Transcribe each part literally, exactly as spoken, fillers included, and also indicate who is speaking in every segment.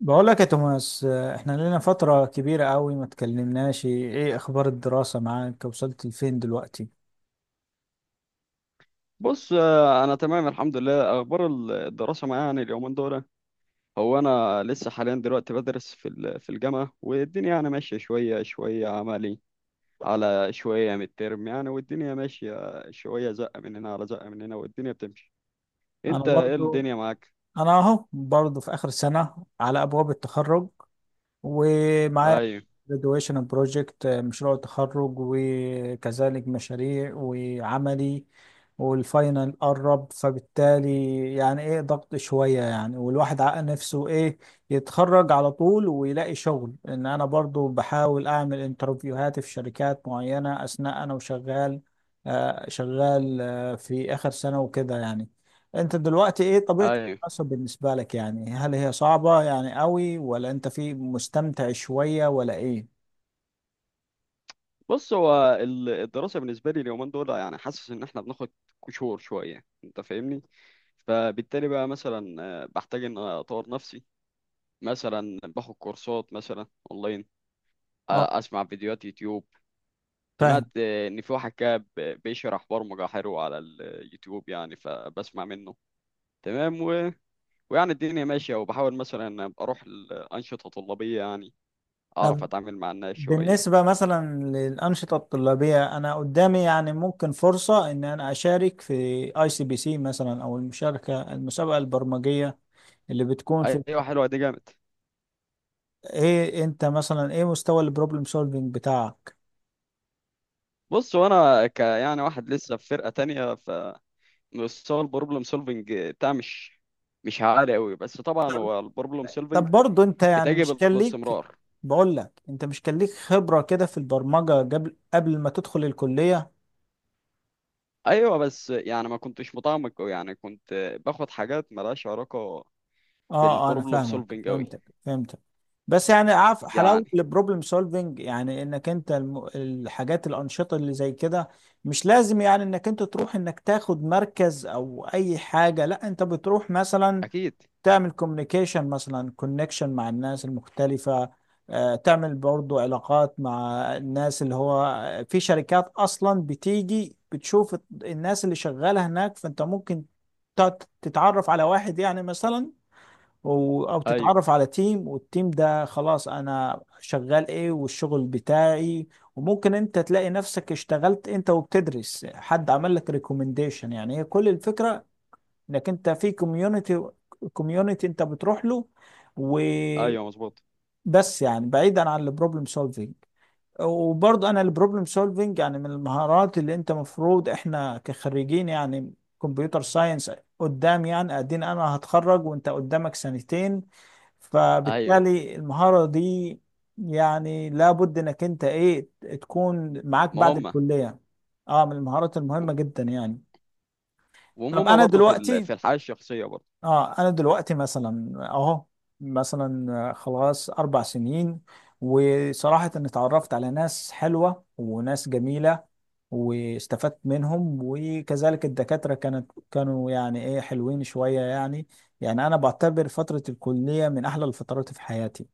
Speaker 1: بقول لك يا توماس آه، احنا لنا فترة كبيرة قوي ما اتكلمناش. ايه اخبار الدراسة معاك؟ وصلت لفين دلوقتي؟
Speaker 2: بص، آه، انا تمام الحمد لله. اخبار ال- الدراسه معايا يعني اليومين دول. هو انا لسه حاليا دلوقتي بدرس في ال- في الجامعه، والدنيا يعني ماشيه شويه شويه عملي على شويه من الترم يعني، والدنيا ماشيه شويه، زقه من هنا على زقه من هنا، والدنيا بتمشي.
Speaker 1: انا
Speaker 2: انت ايه
Speaker 1: برضو.
Speaker 2: الدنيا معاك؟
Speaker 1: انا اهو برضو في اخر سنة على ابواب التخرج، ومعايا
Speaker 2: ايوه،
Speaker 1: graduation project، آه، مشروع التخرج وكذلك مشاريع وعملي، والفاينل قرب، فبالتالي يعني ايه ضغط شوية يعني، والواحد عقل نفسه ايه يتخرج على طول ويلاقي شغل. ان انا برضو بحاول اعمل انترفيوهات في شركات معينة اثناء انا وشغال، آه، شغال آه، في اخر سنة وكده يعني. انت دلوقتي ايه طبيعة
Speaker 2: ايوه.
Speaker 1: حسب بالنسبة لك يعني؟ هل هي صعبة يعني قوي ولا انت في مستمتع شوية ولا ايه؟
Speaker 2: بص، هو ال- الدراسه بالنسبه لي اليومين دول يعني حاسس ان احنا بناخد كشور شويه، انت فاهمني؟ فبالتالي بقى مثلا آه، بحتاج ان أنا اطور نفسي. مثلا باخد كورسات مثلا اونلاين،
Speaker 1: اه،
Speaker 2: آه، اسمع فيديوهات يوتيوب.
Speaker 1: فاهم.
Speaker 2: سمعت آه، ان في واحد كده ب- بيشرح برمجة حلو على اليوتيوب يعني، فبسمع منه. تمام، و... ويعني الدنيا ماشية، وبحاول مثلا أبقى اروح الأنشطة الطلابية يعني، اعرف
Speaker 1: طب
Speaker 2: اتعامل مع الناس شوية.
Speaker 1: بالنسبة مثلا للأنشطة الطلابية، أنا قدامي يعني ممكن فرصة إن أنا أشارك في أي سي بي سي مثلا، أو المشاركة المسابقة البرمجية اللي بتكون في،
Speaker 2: ايوه حلوة دي جامد.
Speaker 1: إيه أنت مثلا إيه مستوى البروبلم سولفينج بتاعك؟
Speaker 2: بص، وانا ك يعني واحد لسه في فرقة تانية، ف مستوى البروبلم سولفنج بتاع مش مش عالي قوي، بس طبعا هو البروبلم سولفنج
Speaker 1: طب برضه أنت يعني
Speaker 2: بتجب
Speaker 1: مش كان ليك،
Speaker 2: الاستمرار.
Speaker 1: بقول لك أنت مش كان ليك خبرة كده في البرمجة قبل قبل ما تدخل الكلية؟
Speaker 2: ايوه بس يعني ما كنتش متعمق قوي يعني، كنت باخد حاجات ملهاش علاقه
Speaker 1: اه، آه، انا
Speaker 2: بالبروبلم
Speaker 1: فاهمك،
Speaker 2: سولفنج قوي.
Speaker 1: فهمتك فهمتك بس يعني عارف حلاوه
Speaker 2: يعني
Speaker 1: البروبلم سولفنج، يعني انك انت الم... الحاجات الانشطه اللي زي كده، مش لازم يعني انك انت تروح انك تاخد مركز او اي حاجه، لا، انت بتروح مثلا
Speaker 2: اكيد.
Speaker 1: تعمل كوميونيكيشن مثلا، كونكشن مع الناس المختلفه، آه، تعمل برضو علاقات مع الناس اللي هو آه، في شركات اصلا بتيجي بتشوف الناس اللي شغاله هناك، فانت ممكن تت- تتعرف على واحد يعني مثلا، و- او
Speaker 2: ايوه،
Speaker 1: تتعرف على تيم، والتيم ده خلاص انا شغال ايه والشغل بتاعي، وممكن انت تلاقي نفسك اشتغلت انت وبتدرس، حد عمل لك ريكومنديشن. يعني هي كل الفكرة انك انت في كوميونتي، كوميونتي انت بتروح له وبس.
Speaker 2: ايوه، مظبوط.
Speaker 1: يعني بعيدا عن البروبلم سولفينج، وبرضه انا البروبلم سولفنج يعني من المهارات اللي انت مفروض، احنا كخريجين يعني كمبيوتر ساينس قدام يعني، ادينا انا هتخرج وانت قدامك سنتين،
Speaker 2: ايوه.
Speaker 1: فبالتالي المهارة دي يعني لابد انك انت ايه تكون معاك
Speaker 2: ما
Speaker 1: بعد
Speaker 2: هم
Speaker 1: الكلية. اه، من المهارات المهمة جدا يعني. طب
Speaker 2: وهم
Speaker 1: انا
Speaker 2: برضه في ال-
Speaker 1: دلوقتي،
Speaker 2: في الحياه الشخصيه برضه.
Speaker 1: اه انا دلوقتي مثلا اهو مثلا خلاص اربع سنين، وصراحة اني اتعرفت على ناس حلوة وناس جميلة، واستفدت منهم، وكذلك الدكاترة كانت كانوا يعني ايه حلوين شوية يعني. يعني انا بعتبر فترة الكلية من احلى الفترات في حياتي.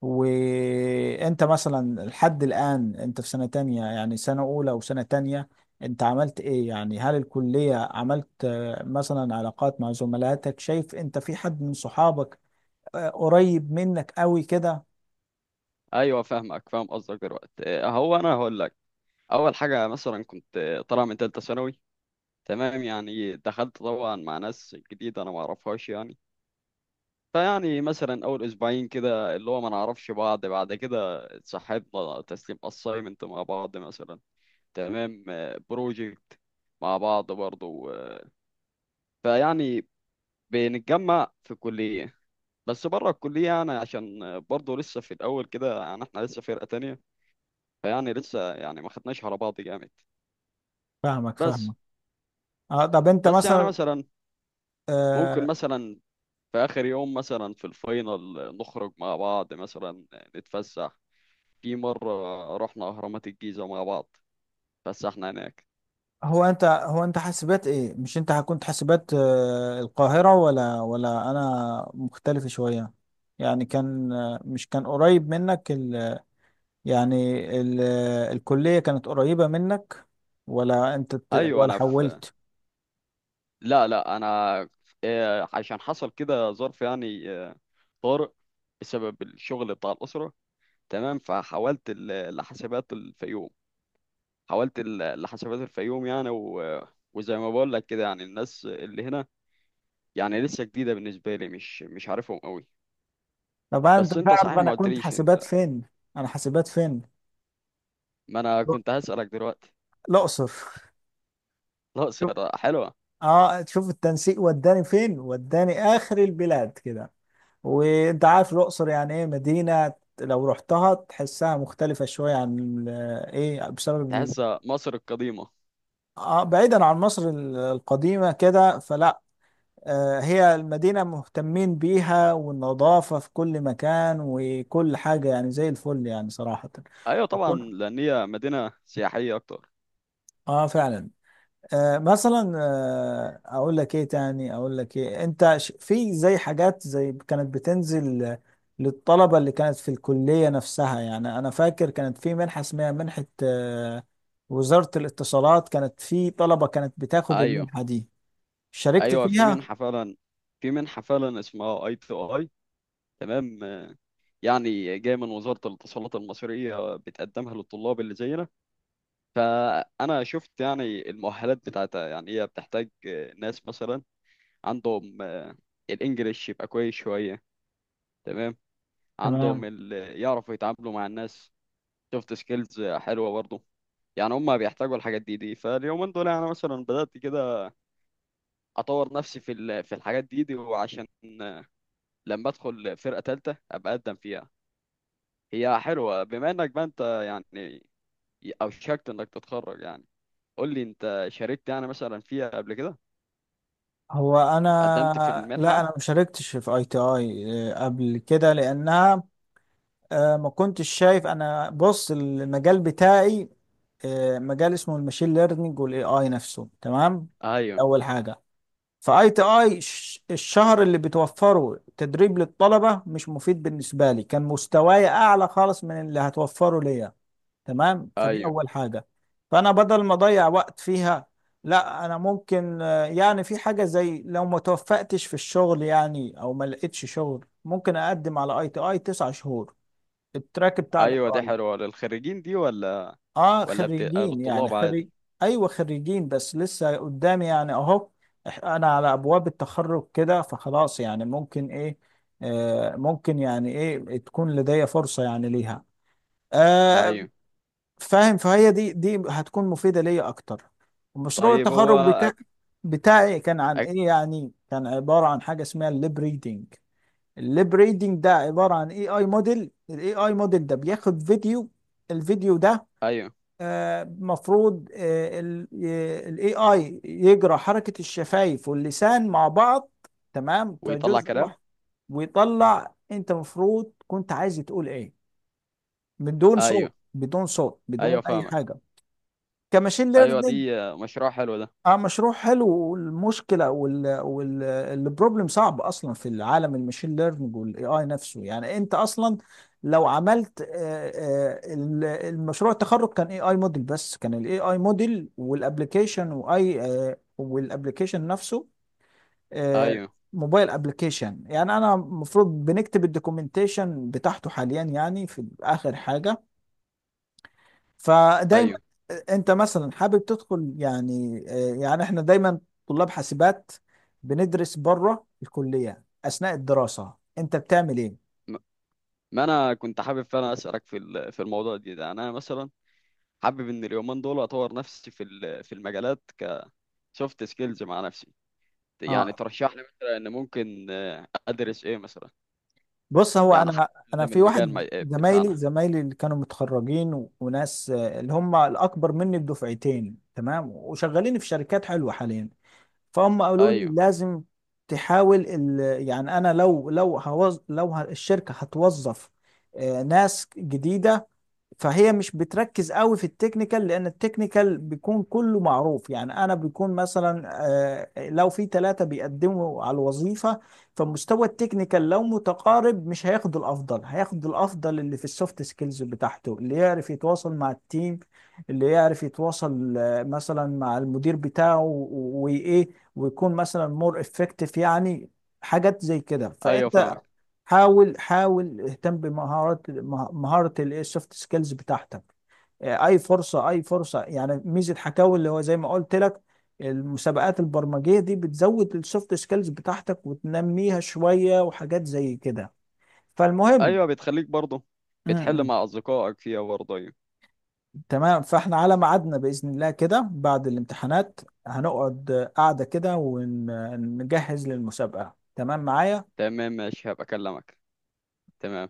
Speaker 1: وانت مثلا لحد الان انت في سنة تانية، يعني سنة اولى وسنة تانية انت عملت ايه يعني؟ هل الكلية عملت آه، مثلا علاقات مع زملاتك؟ شايف انت في حد من صحابك آه، قريب منك قوي كده؟
Speaker 2: ايوه فاهمك، فاهم قصدك دلوقتي. هو انا هقول لك اول حاجه، مثلا كنت طالع من ثالثه ثانوي، تمام، يعني دخلت طبعا مع ناس جديده انا ما اعرفهاش يعني، فيعني مثلا اول اسبوعين كده اللي هو ما نعرفش بعض، بعد كده اتصاحبنا تسليم اسايمنت مع بعض مثلا. تمام. بروجكت مع بعض برضو، آه، فيعني بنتجمع في الكلية. بس بره الكلية يعني عشان آه، برضو لسه في الأول كده، يعني احنا لسه فرقة تانية، فيعني لسه يعني ما خدناش على بعض جامد.
Speaker 1: فاهمك
Speaker 2: بس،
Speaker 1: فاهمك اه طب انت
Speaker 2: بس يعني
Speaker 1: مثلا
Speaker 2: مثلا ممكن
Speaker 1: آه،
Speaker 2: مثلا في آخر يوم مثلا في الفاينل آه، نخرج مع بعض مثلا، آه، نتفسح. في مرة رحنا أهرامات الجيزة مع بعض، فسحنا هناك.
Speaker 1: هو انت هو انت حاسبات ايه؟ مش انت كنت حاسبات آه، القاهرة ولا ولا انا مختلف شوية؟ يعني كان آه، مش كان قريب منك يعني ال... الكلية كانت قريبة منك ولا انت ت-
Speaker 2: أيوة.
Speaker 1: ولا
Speaker 2: أنا في
Speaker 1: حولت؟
Speaker 2: لا، لا، انا، آه، عشان حصل كده ظرف يعني، آه، طارئ، بسبب الشغل بتاع الاسره. تمام، فحولت ال- لحسابات الفيوم حولت ال- لحسابات الفيوم يعني، و... وزي ما بقول لك كده يعني الناس اللي هنا يعني لسه جديده بالنسبه لي، مش مش عارفهم قوي.
Speaker 1: طبعا انت
Speaker 2: بس انت
Speaker 1: تعرف
Speaker 2: صحيح
Speaker 1: انا
Speaker 2: ما
Speaker 1: كنت
Speaker 2: قلتليش
Speaker 1: حاسبات
Speaker 2: انت،
Speaker 1: فين؟ انا حاسبات فين؟
Speaker 2: ما انا كنت هسالك دلوقتي.
Speaker 1: الاقصر. شوف-
Speaker 2: الاقصر حلوه.
Speaker 1: اه تشوف التنسيق وداني فين، وداني اخر البلاد كده. وانت عارف الاقصر يعني ايه مدينة، لو رحتها تحسها مختلفة شوية عن ال- ايه بسبب ال-
Speaker 2: تحسها مصر القديمه.
Speaker 1: آه بعيدا عن مصر ال- القديمة كده فلا، آه، هي المدينة مهتمين بيها والنظافة في كل مكان، وكل حاجة يعني زي الفل يعني صراحة.
Speaker 2: ايوه طبعا
Speaker 1: يكون
Speaker 2: لان هي مدينه سياحيه اكتر.
Speaker 1: اه فعلا. آه مثلا آه اقول لك ايه تاني، اقول لك ايه، انت ش- في زي حاجات زي كانت بتنزل آه، للطلبة اللي كانت في الكلية نفسها. يعني انا فاكر كانت في منحة اسمها منحة آه وزارة الاتصالات، كانت في طلبة كانت بتاخد
Speaker 2: ايوه.
Speaker 1: المنحة دي. شاركت
Speaker 2: ايوه، في
Speaker 1: فيها؟
Speaker 2: منحه فعلا. في منحه فعلا اسمها اي تو اي. تمام. يعني جايه من وزاره الاتصالات المصريه، بتقدمها للطلاب اللي زينا. فانا شفت يعني المؤهلات بتاعتها، يعني هي بتحتاج ناس مثلا عندهم آه، الانجليش يبقى كويس شويه، تمام، عندهم
Speaker 1: تمام.
Speaker 2: ال- يعرفوا يتعاملوا مع الناس، سوفت سكيلز حلوه برضه. يعني هم بيحتاجوا الحاجات دي دي فاليومين دول، يعني مثلا بدات كده اطور نفسي في ال- في الحاجات دي دي، وعشان لما ادخل فرقه ثالثه ابقى اقدم فيها. هي حلوه بما انك بقى انت يعني اوشكت انك تتخرج يعني. قول لي انت شاركت يعني مثلا فيها قبل كده؟
Speaker 1: هو
Speaker 2: قدمت في
Speaker 1: انا لا
Speaker 2: المنحه؟
Speaker 1: انا ما شاركتش في اي تي اي آه، قبل كده لانها، آه، ما كنتش شايف. انا بص المجال بتاعي آه، مجال اسمه الماشين ليرنينج والاي اي نفسه، تمام،
Speaker 2: ايوه،
Speaker 1: اول حاجه، فاي تي اي الشهر اللي بتوفره تدريب للطلبه مش مفيد بالنسبه لي، كان مستواي اعلى خالص من اللي هتوفره ليا، تمام، فدي
Speaker 2: ايوه،
Speaker 1: اول حاجه. فانا بدل ما اضيع وقت فيها، لا، انا ممكن آه، يعني في حاجه زي لو ما توفقتش في الشغل يعني او ما لقيتش شغل، ممكن اقدم على اي تي اي تسع شهور، التراك بتاع الاي
Speaker 2: ايوه. دي
Speaker 1: اي.
Speaker 2: حلوه للخريجين، دي ولا
Speaker 1: اه
Speaker 2: ولا بتبقى
Speaker 1: خريجين، يعني
Speaker 2: للطلاب
Speaker 1: خريج.
Speaker 2: عادي؟
Speaker 1: ايوه خريجين. بس لسه قدامي يعني اهو، إح- انا على ابواب التخرج كده، فخلاص يعني ممكن ايه آه ممكن يعني ايه تكون لدي فرصه يعني ليها. آه،
Speaker 2: ايوه.
Speaker 1: فاهم، فهي دي دي هتكون مفيدة ليا اكتر. ومشروع
Speaker 2: طيب هو
Speaker 1: التخرج بتاع
Speaker 2: أك...
Speaker 1: بتاعي كان عن
Speaker 2: أك...
Speaker 1: ايه يعني؟ كان عبارة عن حاجة اسمها الليب ريدنج. الليب ريدنج ده عبارة عن اي اي موديل، الاي اي موديل ده بياخد فيديو، الفيديو ده
Speaker 2: ايوه.
Speaker 1: آه، مفروض الاي اي يجرى حركة الشفايف واللسان مع بعض، تمام،
Speaker 2: ويطلع
Speaker 1: كجزء
Speaker 2: كلام.
Speaker 1: واحد، ويطلع انت مفروض كنت عايز تقول ايه، بدون صوت،
Speaker 2: ايوه،
Speaker 1: بدون صوت بدون
Speaker 2: ايوه
Speaker 1: اي
Speaker 2: فاهمك.
Speaker 1: حاجة، كماشين
Speaker 2: ايوه دي.
Speaker 1: ليرنينج.
Speaker 2: مشروع حلو ده.
Speaker 1: اه مشروع حلو، والمشكله وال والبروبلم صعب اصلا في العالم الماشين ليرنينج والاي اي نفسه. يعني انت اصلا لو عملت آه، آه، ال- المشروع التخرج كان اي اي موديل بس، كان الاي اي موديل والابلكيشن، واي آه، والابلكيشن نفسه آه،
Speaker 2: ايوه،
Speaker 1: موبايل ابلكيشن. يعني انا المفروض بنكتب الدوكيومنتيشن بتاعته حاليا يعني، في اخر حاجه. فدايما
Speaker 2: ايوه.
Speaker 1: انت مثلا حابب تدخل يعني آه، يعني احنا دايما طلاب حاسبات بندرس بره الكلية اثناء الدراسة، انت بتعمل ايه؟
Speaker 2: م- ما انا كنت حابب فعلا اسالك في ال- في الموضوع دي ده، يعني انا مثلا حابب ان اليومين دول اطور نفسي في ال- في المجالات كسوفت سكيلز مع نفسي. يعني
Speaker 1: اه
Speaker 2: ترشح لي مثلا ان ممكن آه، ادرس ايه مثلا؟
Speaker 1: بص، هو
Speaker 2: يعني حاجه
Speaker 1: انا انا
Speaker 2: تخدم
Speaker 1: في
Speaker 2: المجال
Speaker 1: واحد
Speaker 2: ما- آه، بتاعنا.
Speaker 1: زمايلي، زمايلي اللي كانوا متخرجين، و- وناس آه، اللي هم الاكبر مني بدفعتين، تمام، وشغالين في شركات حلوة حاليا، فهم قالوا لي
Speaker 2: ايوه،
Speaker 1: لازم تحاول ال... يعني انا لو لو هوز... لو ه- الشركة هتوظف آه، ناس جديدة، فهي مش بتركز قوي في التكنيكال لان التكنيكال بيكون كله معروف. يعني انا بيكون مثلا آه، لو في ثلاثة بيقدموا على الوظيفة، فمستوى التكنيكال لو متقارب مش هياخد الافضل، هياخد الافضل اللي في السوفت سكيلز بتاعته، اللي يعرف يتواصل مع التيم، اللي يعرف يتواصل آه، مثلا مع المدير بتاعه، و- وايه ويكون مثلا مور افكتيف يعني، حاجات زي كده.
Speaker 2: ايوه
Speaker 1: فانت
Speaker 2: فاهمك.
Speaker 1: حاول حاول اهتم بمهارات مه- مهارة السوفت سكيلز بتاعتك. آه، اي فرصه اي فرصه يعني ميزه حكاوي اللي هو زي ما قلت لك المسابقات البرمجيه دي بتزود السوفت سكيلز بتاعتك وتنميها شويه وحاجات زي كده. فالمهم
Speaker 2: ايوه بتخليك برضه
Speaker 1: م-
Speaker 2: بتحل
Speaker 1: م.
Speaker 2: مع اصدقائك فيها برضه. ايوه
Speaker 1: تمام، فاحنا على ميعادنا باذن الله كده بعد الامتحانات، هنقعد قاعده كده ونجهز للمسابقه، تمام معايا.
Speaker 2: تمام ماشي، هبقى اكلمك. تمام.